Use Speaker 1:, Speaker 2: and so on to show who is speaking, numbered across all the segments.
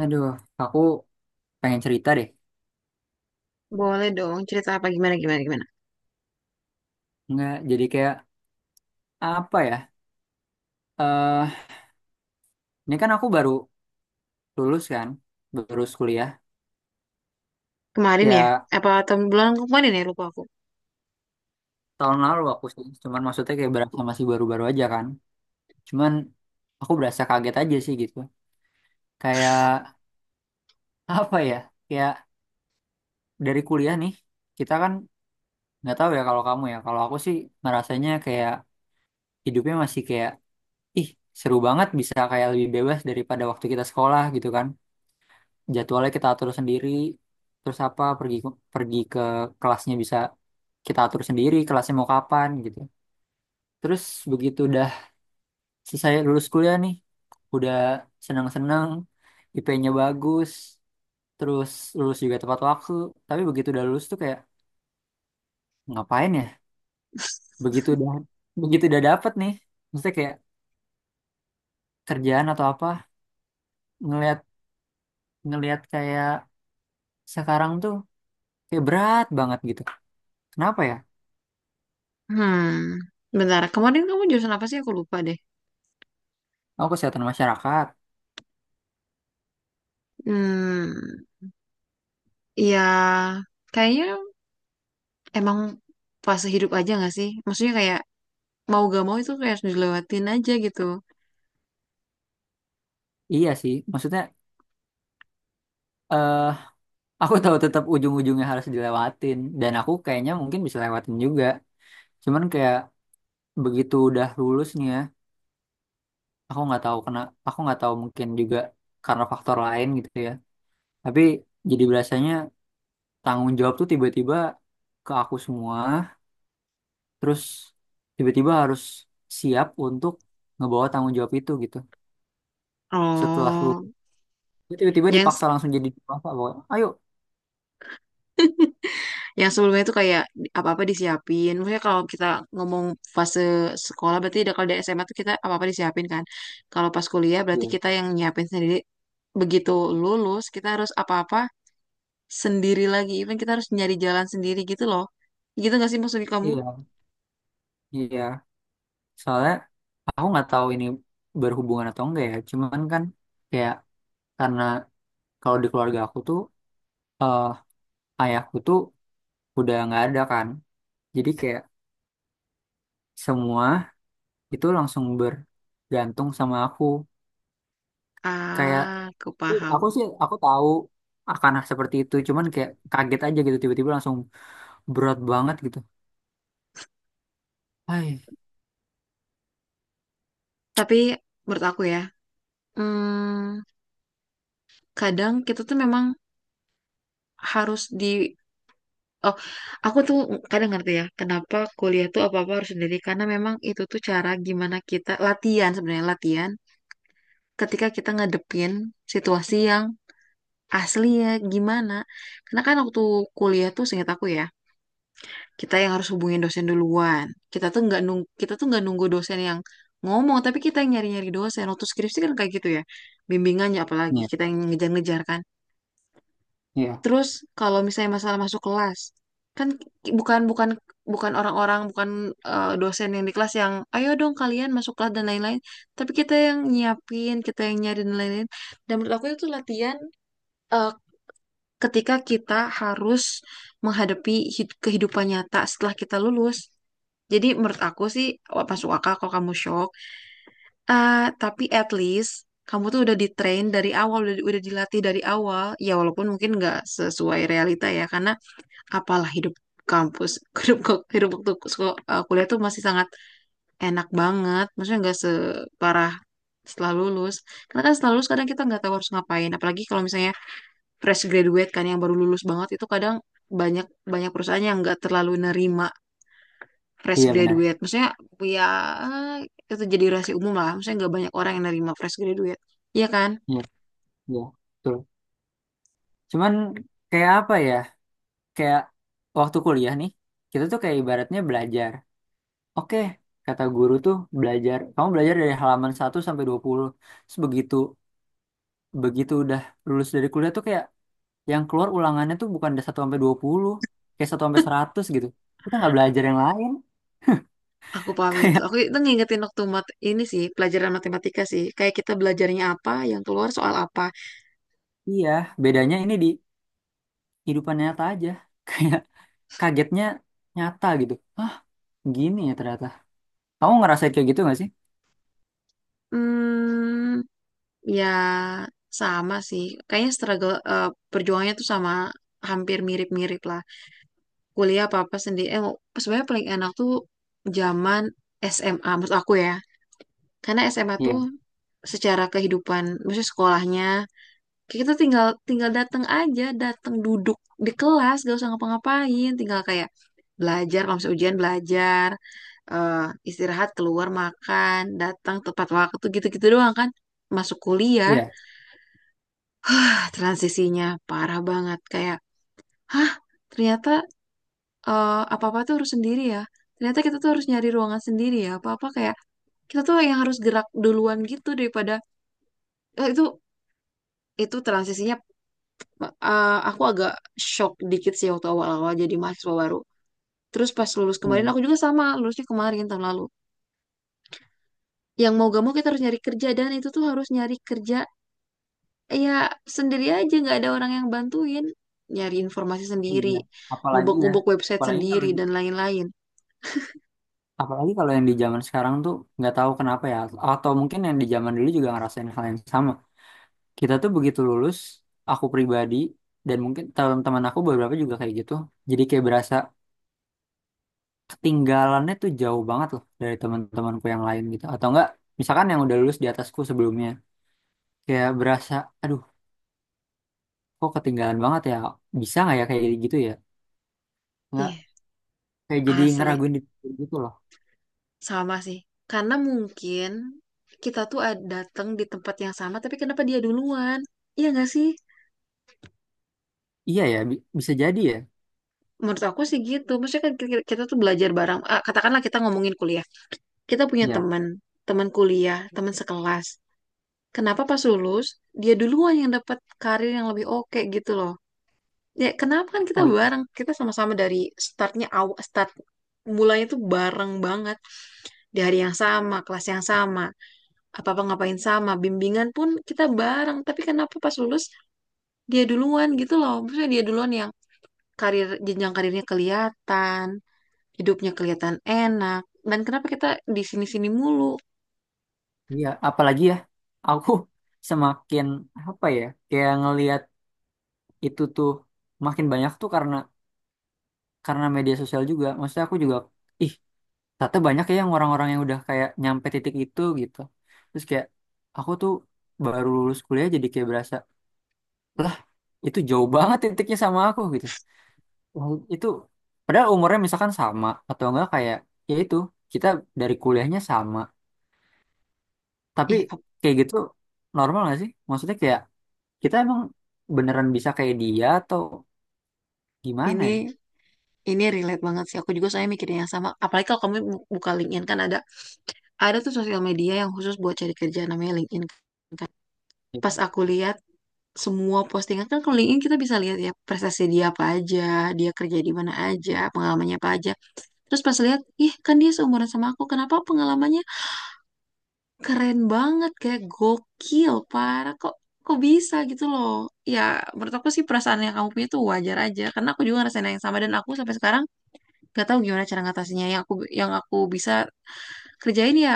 Speaker 1: Aduh, aku pengen cerita deh.
Speaker 2: Boleh dong, cerita apa gimana gimana gimana.
Speaker 1: Nggak, jadi kayak apa ya? Eh, ini kan aku baru lulus kan, baru kuliah.
Speaker 2: Kemarin ya?
Speaker 1: Ya
Speaker 2: Apa tahun bulan kemarin ya lupa aku.
Speaker 1: tahun lalu aku sih, cuman maksudnya kayak berasa masih baru-baru aja kan. Cuman aku berasa kaget aja sih gitu. Kayak apa ya? Kayak dari kuliah nih, kita kan nggak tahu ya kalau kamu ya. Kalau aku sih ngerasanya kayak hidupnya masih kayak, ih seru banget bisa kayak lebih bebas daripada waktu kita sekolah gitu kan. Jadwalnya kita atur sendiri, terus apa pergi pergi ke kelasnya bisa kita atur sendiri, kelasnya mau kapan gitu. Terus begitu udah selesai lulus kuliah nih, udah senang-senang, IP-nya bagus, terus lulus juga tepat waktu. Tapi begitu udah lulus tuh kayak ngapain ya, begitu udah dapet nih, maksudnya kayak kerjaan atau apa. Ngelihat Ngelihat kayak sekarang tuh kayak berat banget gitu, kenapa ya?
Speaker 2: Hmm, bentar. Kemarin kamu jurusan apa sih? Aku lupa deh.
Speaker 1: Aku kesehatan masyarakat.
Speaker 2: Hmm, ya kayaknya emang fase hidup aja gak sih? Maksudnya kayak mau gak mau itu kayak harus dilewatin aja gitu.
Speaker 1: Iya sih, maksudnya eh aku tahu tetap ujung-ujungnya harus dilewatin dan aku kayaknya mungkin bisa lewatin juga. Cuman kayak begitu udah lulus nih ya, aku nggak tahu kena, aku nggak tahu mungkin juga karena faktor lain gitu ya. Tapi jadi biasanya tanggung jawab tuh tiba-tiba ke aku semua, terus tiba-tiba harus siap untuk ngebawa tanggung jawab itu gitu. Setelah lulus,
Speaker 2: Oh,
Speaker 1: tiba-tiba
Speaker 2: yang
Speaker 1: dipaksa langsung jadi apa? Ayo,
Speaker 2: yang sebelumnya itu kayak apa-apa disiapin. Maksudnya kalau kita ngomong fase sekolah berarti udah kalau di SMA tuh kita apa-apa disiapin kan. Kalau pas kuliah berarti
Speaker 1: iya,
Speaker 2: kita yang nyiapin sendiri. Begitu lulus kita harus apa-apa sendiri lagi. Even kita harus nyari jalan sendiri gitu loh. Gitu gak sih maksudnya kamu?
Speaker 1: iya, iya. Soalnya aku nggak tahu ini berhubungan atau enggak ya. Cuman kan kayak karena kalau di keluarga aku tuh eh ayahku tuh udah nggak ada kan. Jadi kayak semua itu langsung bergantung sama aku. Kayak
Speaker 2: Ah, aku paham.
Speaker 1: aku sih aku tahu akan seperti itu. Cuman kayak kaget aja gitu tiba-tiba langsung berat banget gitu. Hai.
Speaker 2: Tapi menurut aku ya, hmm, kadang kita tuh memang harus di Oh, aku tuh kadang ngerti ya, kenapa kuliah tuh apa-apa harus sendiri. Karena memang itu tuh cara gimana kita latihan sebenarnya latihan ketika kita ngadepin situasi yang asli ya gimana. Karena kan waktu kuliah tuh seingat aku ya, kita yang harus hubungin dosen duluan. Kita tuh nggak nunggu dosen yang ngomong, tapi kita yang nyari-nyari dosen. Waktu skripsi kan kayak gitu ya, bimbingannya apalagi
Speaker 1: Iya,
Speaker 2: kita yang ngejar-ngejar kan.
Speaker 1: iya,
Speaker 2: Terus kalau misalnya masalah masuk kelas, kan ki- bukan bukan bukan orang-orang bukan dosen yang di kelas yang ayo dong kalian masuk kelas dan lain-lain, tapi kita yang nyiapin, kita yang nyari dan lain-lain. Dan menurut aku itu latihan eh, ketika kita harus menghadapi kehidupan nyata setelah kita lulus. Jadi menurut aku sih wah, masuk akal kalau kamu shock. Ah, tapi at least kamu tuh udah di-train dari awal, udah dilatih dari awal. Ya walaupun mungkin nggak sesuai realita ya, karena apalah hidup kampus hidup hidup waktu kuliah tuh masih sangat enak banget maksudnya nggak separah setelah lulus karena kan setelah lulus kadang kita nggak tahu harus ngapain apalagi kalau misalnya fresh graduate kan yang baru lulus banget itu kadang banyak banyak perusahaan yang nggak terlalu nerima fresh
Speaker 1: iya benar.
Speaker 2: graduate maksudnya ya itu jadi rahasia umum lah maksudnya nggak banyak orang yang nerima fresh graduate iya kan
Speaker 1: Iya, iya. Betul. Cuman kayak apa ya? Kayak waktu kuliah nih, kita tuh kayak ibaratnya belajar. Oke, kata guru tuh belajar. Kamu belajar dari halaman satu sampai 20. Terus begitu begitu udah lulus dari kuliah tuh kayak yang keluar ulangannya tuh bukan dari satu sampai 20, kayak satu sampai 100 gitu. Kita nggak belajar yang lain.
Speaker 2: aku paham itu
Speaker 1: Kayak
Speaker 2: aku itu ngingetin waktu mat ini sih pelajaran matematika sih kayak kita belajarnya apa yang keluar soal apa.
Speaker 1: iya, bedanya ini di kehidupan nyata aja. Kayak kagetnya nyata gitu. Hah, gini ya ternyata. Kamu ngerasain kayak gitu nggak sih?
Speaker 2: Hmm, ya sama sih. Kayaknya struggle perjuangannya tuh sama hampir mirip-mirip lah. Kuliah apa-apa sendiri. Eh, sebenarnya paling enak tuh zaman SMA menurut aku ya. Karena SMA tuh
Speaker 1: Iya.
Speaker 2: secara kehidupan, maksudnya sekolahnya kita tinggal tinggal datang aja datang duduk di kelas gak usah ngapa-ngapain tinggal kayak belajar kalau misalnya ujian belajar, eh, istirahat keluar makan datang tepat waktu gitu-gitu doang kan masuk kuliah
Speaker 1: Iya.
Speaker 2: ah, transisinya parah banget kayak hah ternyata eh, apa-apa tuh harus sendiri ya ternyata kita tuh harus nyari ruangan sendiri ya apa-apa kayak kita tuh yang harus gerak duluan gitu daripada eh, itu transisinya aku agak shock dikit sih waktu awal-awal jadi mahasiswa baru. Terus pas lulus kemarin,
Speaker 1: Hmm.
Speaker 2: aku juga sama, lulusnya kemarin tahun lalu. Yang mau gak mau kita harus nyari kerja, dan itu tuh harus nyari kerja ya sendiri aja, nggak ada orang yang bantuin. Nyari informasi sendiri,
Speaker 1: Iya. Apalagi ya.
Speaker 2: ngubek-ngubek website
Speaker 1: Apalagi kalau
Speaker 2: sendiri,
Speaker 1: di
Speaker 2: dan lain-lain.
Speaker 1: Apalagi kalau yang di zaman sekarang tuh nggak tahu kenapa ya, atau mungkin yang di zaman dulu juga ngerasain hal yang sama. Kita tuh begitu lulus, aku pribadi dan mungkin teman-teman aku beberapa juga kayak gitu. Jadi kayak berasa ketinggalannya tuh jauh banget loh dari teman-temanku yang lain gitu. Atau enggak, misalkan yang udah lulus di atasku sebelumnya, kayak berasa, aduh, kok ketinggalan banget ya? Bisa nggak ya kayak gitu ya? Nggak,
Speaker 2: Ih,
Speaker 1: kayak jadi
Speaker 2: asli.
Speaker 1: ngeraguin diri gitu loh.
Speaker 2: Sama sih. Karena mungkin kita tuh datang di tempat yang sama, tapi kenapa dia duluan? Iya nggak sih?
Speaker 1: Iya ya, bi- bisa jadi ya.
Speaker 2: Menurut aku sih gitu. Maksudnya kan kita tuh belajar bareng. Ah, katakanlah kita ngomongin kuliah. Kita punya
Speaker 1: Iya.
Speaker 2: teman, teman kuliah, teman sekelas. Kenapa pas lulus, dia duluan yang dapat karir yang lebih oke gitu loh. Ya, kenapa kan kita
Speaker 1: Oh.
Speaker 2: bareng, kita sama-sama dari startnya awal, start mulanya tuh bareng banget. Di hari yang sama, kelas yang sama, apa-apa ngapain sama, bimbingan pun kita bareng. Tapi kenapa pas lulus, dia duluan gitu loh. Maksudnya dia duluan yang karir, jenjang karirnya kelihatan, hidupnya kelihatan enak. Dan kenapa kita di sini-sini mulu?
Speaker 1: Iya, apalagi ya, aku semakin apa ya, kayak ngelihat itu tuh makin banyak tuh karena media sosial juga. Maksudnya aku juga, ih, ternyata banyak ya yang orang-orang yang udah kayak nyampe titik itu gitu. Terus kayak aku tuh baru lulus kuliah jadi kayak berasa, lah itu jauh banget titiknya sama aku gitu. Wah, itu padahal umurnya misalkan sama atau enggak kayak ya itu kita dari kuliahnya sama, tapi
Speaker 2: Ih, ap-
Speaker 1: kayak gitu normal nggak sih? Maksudnya kayak kita emang beneran bisa kayak dia atau gimana
Speaker 2: ini
Speaker 1: ya?
Speaker 2: ini relate banget sih. Aku juga mikirin yang sama. Apalagi kalau kamu buka LinkedIn kan ada tuh sosial media yang khusus buat cari kerja namanya LinkedIn kan. Pas
Speaker 1: Ya.
Speaker 2: aku lihat semua postingan kan kalau LinkedIn kita bisa lihat ya prestasi dia apa aja, dia kerja di mana aja, pengalamannya apa aja. Terus pas lihat, ih kan dia seumuran sama aku, kenapa pengalamannya keren banget kayak gokil parah kok kok bisa gitu loh. Ya menurut aku sih perasaan yang kamu punya tuh wajar aja karena aku juga ngerasain yang sama dan aku sampai sekarang gak tahu gimana cara ngatasinya yang aku bisa kerjain ya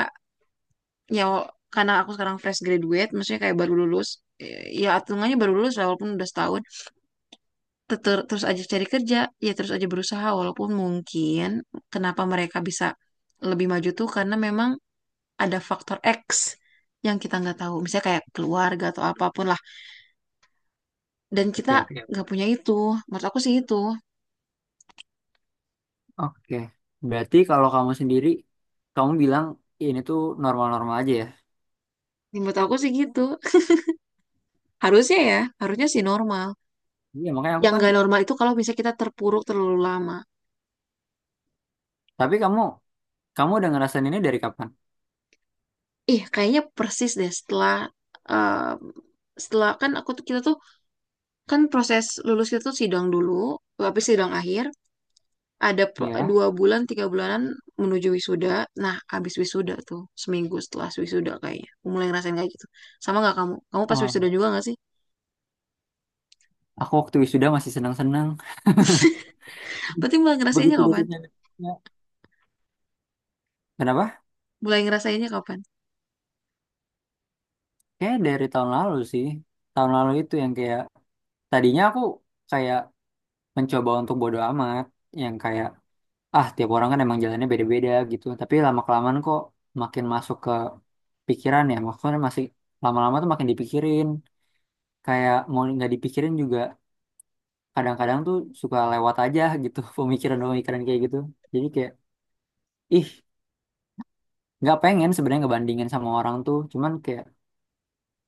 Speaker 2: ya karena aku sekarang fresh graduate maksudnya kayak baru lulus eh, ya hitungannya baru lulus lah, walaupun udah setahun. Terus aja cari kerja ya terus aja berusaha walaupun mungkin kenapa mereka bisa lebih maju tuh karena memang ada faktor X yang kita nggak tahu misalnya kayak keluarga atau apapun lah dan kita
Speaker 1: Oke, oke.
Speaker 2: nggak punya itu menurut aku sih itu
Speaker 1: Oke. Berarti kalau kamu sendiri, kamu bilang ini tuh normal-normal aja ya?
Speaker 2: menurut aku sih gitu harusnya ya harusnya sih normal
Speaker 1: Iya, makanya aku
Speaker 2: yang
Speaker 1: kan,
Speaker 2: nggak normal itu kalau misalnya kita terpuruk terlalu lama.
Speaker 1: tapi kamu kamu udah ngerasain ini dari kapan?
Speaker 2: Ih, kayaknya persis deh setelah um, setelah kan aku tuh kita tuh kan proses lulus kita tuh sidang dulu, habis sidang akhir ada
Speaker 1: Ya.
Speaker 2: dua bulan tiga bulanan menuju wisuda. Nah, habis wisuda tuh seminggu setelah wisuda kayaknya. Aku mulai ngerasain kayak gitu. Sama nggak kamu? Kamu pas
Speaker 1: Wah,
Speaker 2: wisuda juga nggak sih?
Speaker 1: aku waktu wisuda masih senang-senang.
Speaker 2: Berarti mulai ngerasainnya
Speaker 1: Begitu
Speaker 2: kapan?
Speaker 1: dosennya. Ya. Kenapa?
Speaker 2: Mulai ngerasainnya kapan?
Speaker 1: Kayak dari tahun lalu sih. Tahun lalu itu yang kayak, tadinya aku kayak mencoba untuk bodo amat. Yang kayak ah tiap orang kan emang jalannya beda-beda gitu tapi lama kelamaan kok makin masuk ke pikiran ya, maksudnya masih lama-lama tuh makin dipikirin, kayak mau nggak dipikirin juga kadang-kadang tuh suka lewat aja gitu pemikiran-pemikiran kayak gitu. Jadi kayak ih, nggak pengen sebenarnya ngebandingin sama orang tuh cuman kayak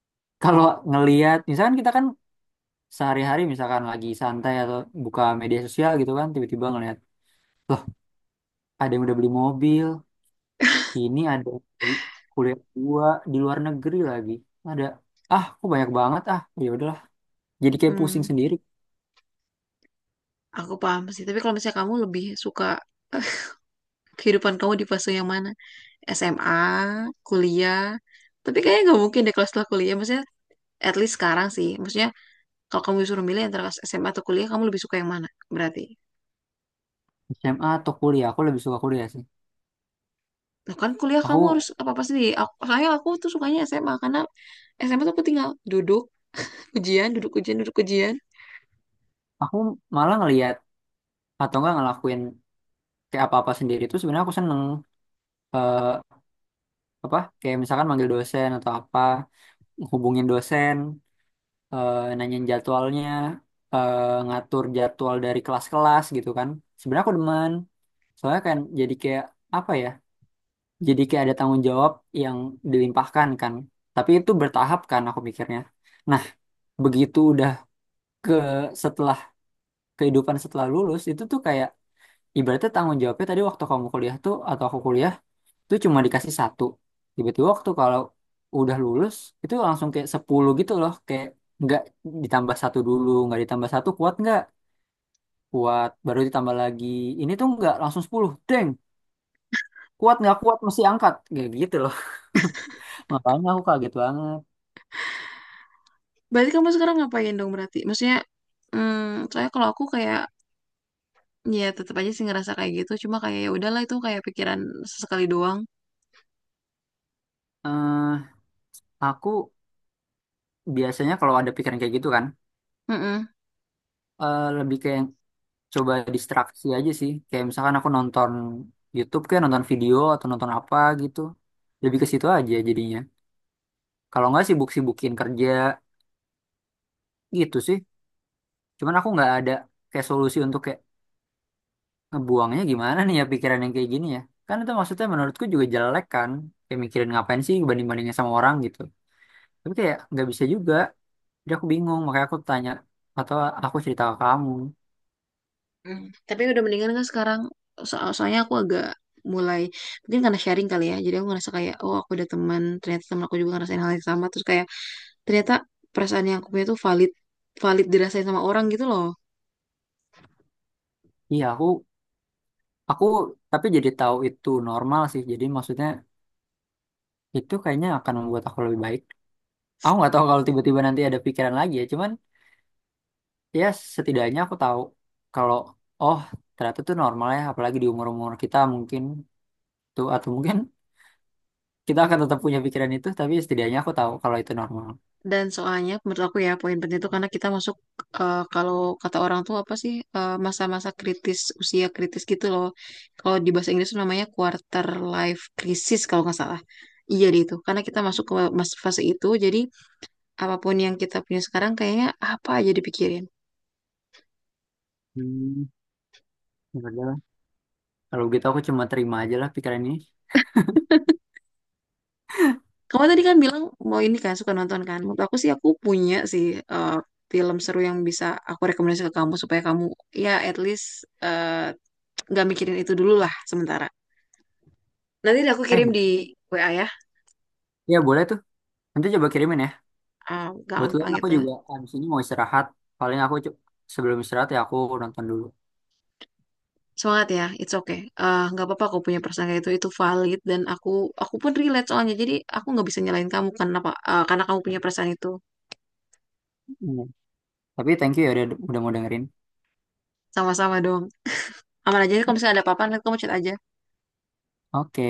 Speaker 1: kalau ngelihat misalkan kita kan sehari-hari misalkan lagi santai atau buka media sosial gitu kan tiba-tiba ngelihat loh ada yang udah beli mobil. Ini ada di kuliah gua di luar negeri lagi. Ada, ah, kok banyak banget ah. Ya udahlah. Jadi kayak pusing
Speaker 2: Hmm,
Speaker 1: sendiri.
Speaker 2: aku paham sih. Tapi kalau misalnya kamu lebih suka kehidupan kamu di fase yang mana? SMA, kuliah. Tapi kayaknya nggak mungkin deh kalau setelah kuliah. Maksudnya at least sekarang sih. Maksudnya kalau kamu disuruh milih antara SMA atau kuliah, kamu lebih suka yang mana? Berarti.
Speaker 1: SMA atau kuliah, aku lebih suka kuliah sih.
Speaker 2: Nah kan kuliah kamu harus
Speaker 1: Aku
Speaker 2: apa-apa sendiri. Aku, soalnya aku tuh sukanya SMA karena SMA tuh aku tinggal duduk, ujian, duduk ujian, duduk ujian.
Speaker 1: aku malah ngelihat atau enggak ngelakuin kayak apa-apa sendiri itu sebenarnya aku seneng, eh apa kayak misalkan manggil dosen atau apa, hubungin dosen, eh nanyain jadwalnya, eh ngatur jadwal dari kelas-kelas gitu kan. Sebenarnya aku demen. Soalnya kan jadi kayak apa ya? Jadi kayak ada tanggung jawab yang dilimpahkan kan. Tapi itu bertahap kan aku mikirnya. Nah, begitu udah ke setelah kehidupan setelah lulus itu tuh kayak ibaratnya tanggung jawabnya tadi waktu kamu kuliah tuh atau aku kuliah tuh cuma dikasih satu. Tiba-tiba waktu kalau udah lulus itu langsung kayak 10 gitu loh, kayak nggak ditambah satu dulu, nggak ditambah satu kuat nggak kuat baru ditambah lagi, ini tuh nggak langsung 10. Deng, kuat nggak kuat mesti angkat kayak gitu loh. Makanya aku kaget banget.
Speaker 2: Berarti kamu sekarang ngapain dong berarti? Maksudnya, hmm, soalnya kalau aku kayak ya tetap aja sih ngerasa kayak gitu. Cuma kayak ya udahlah itu kayak pikiran sesekali doang.
Speaker 1: Eh aku biasanya kalau ada pikiran kayak gitu kan,
Speaker 2: Mm-mm.
Speaker 1: eh, lebih kayak coba distraksi aja sih. Kayak misalkan aku nonton YouTube, kayak nonton video atau nonton apa gitu. Lebih ke situ aja jadinya. Kalau nggak sibuk-sibukin kerja gitu sih. Cuman aku nggak ada kayak solusi untuk kayak ngebuangnya gimana nih ya pikiran yang kayak gini ya. Kan itu maksudnya menurutku juga jelek kan. Kayak mikirin ngapain sih banding-bandingnya sama orang gitu. Tapi kayak nggak bisa juga. Jadi aku bingung, makanya aku tanya atau aku cerita ke kamu.
Speaker 2: Hmm, tapi udah mendingan kan sekarang so soalnya aku agak mulai mungkin karena sharing kali ya jadi aku ngerasa kayak oh aku ada teman ternyata teman aku juga ngerasain hal yang sama terus kayak ternyata perasaan yang aku punya tuh valid valid dirasain sama orang gitu loh
Speaker 1: Iya, aku Aku tapi jadi tahu itu normal sih. Jadi maksudnya itu kayaknya akan membuat aku lebih baik. Aku nggak tahu kalau tiba-tiba nanti ada pikiran lagi ya. Cuman ya setidaknya aku tahu kalau oh ternyata itu normal ya. Apalagi di umur-umur kita mungkin tuh atau mungkin kita akan tetap punya pikiran itu. Tapi setidaknya aku tahu kalau itu normal.
Speaker 2: dan soalnya menurut aku ya poin penting itu karena kita masuk kalau kata orang tuh apa sih masa-masa kritis usia kritis gitu loh kalau di bahasa Inggris tuh namanya quarter life crisis kalau nggak salah iya deh itu karena kita masuk ke fase itu jadi apapun yang kita punya sekarang kayaknya apa aja dipikirin.
Speaker 1: Hmm, ya udah lah. Kalau gitu aku cuma terima aja lah pikiran ini.
Speaker 2: Kamu tadi kan bilang mau ini kan suka nonton kan. Menurut aku sih aku punya sih eh, film seru yang bisa aku rekomendasi ke kamu supaya kamu ya at least eh, nggak mikirin itu dulu lah sementara. Nanti deh aku
Speaker 1: Eh,
Speaker 2: kirim
Speaker 1: bo-
Speaker 2: di WA ya.
Speaker 1: ya boleh tuh. Nanti coba kirimin ya.
Speaker 2: Eh,
Speaker 1: Kebetulan
Speaker 2: gampang
Speaker 1: aku
Speaker 2: itu.
Speaker 1: juga abis ini mau istirahat. Paling aku cu- sebelum istirahat ya aku nonton dulu.
Speaker 2: Semangat ya, it's okay. Eh, nggak apa-apa aku punya perasaan kayak itu valid dan aku pun relate soalnya. Jadi aku nggak bisa nyalain kamu karena apa? Eh, karena kamu punya perasaan itu.
Speaker 1: Tapi thank you ya udah mau dengerin.
Speaker 2: Sama-sama dong. Aman aja nih, kalau misalnya ada apa-apa nanti kamu chat aja.
Speaker 1: Oke,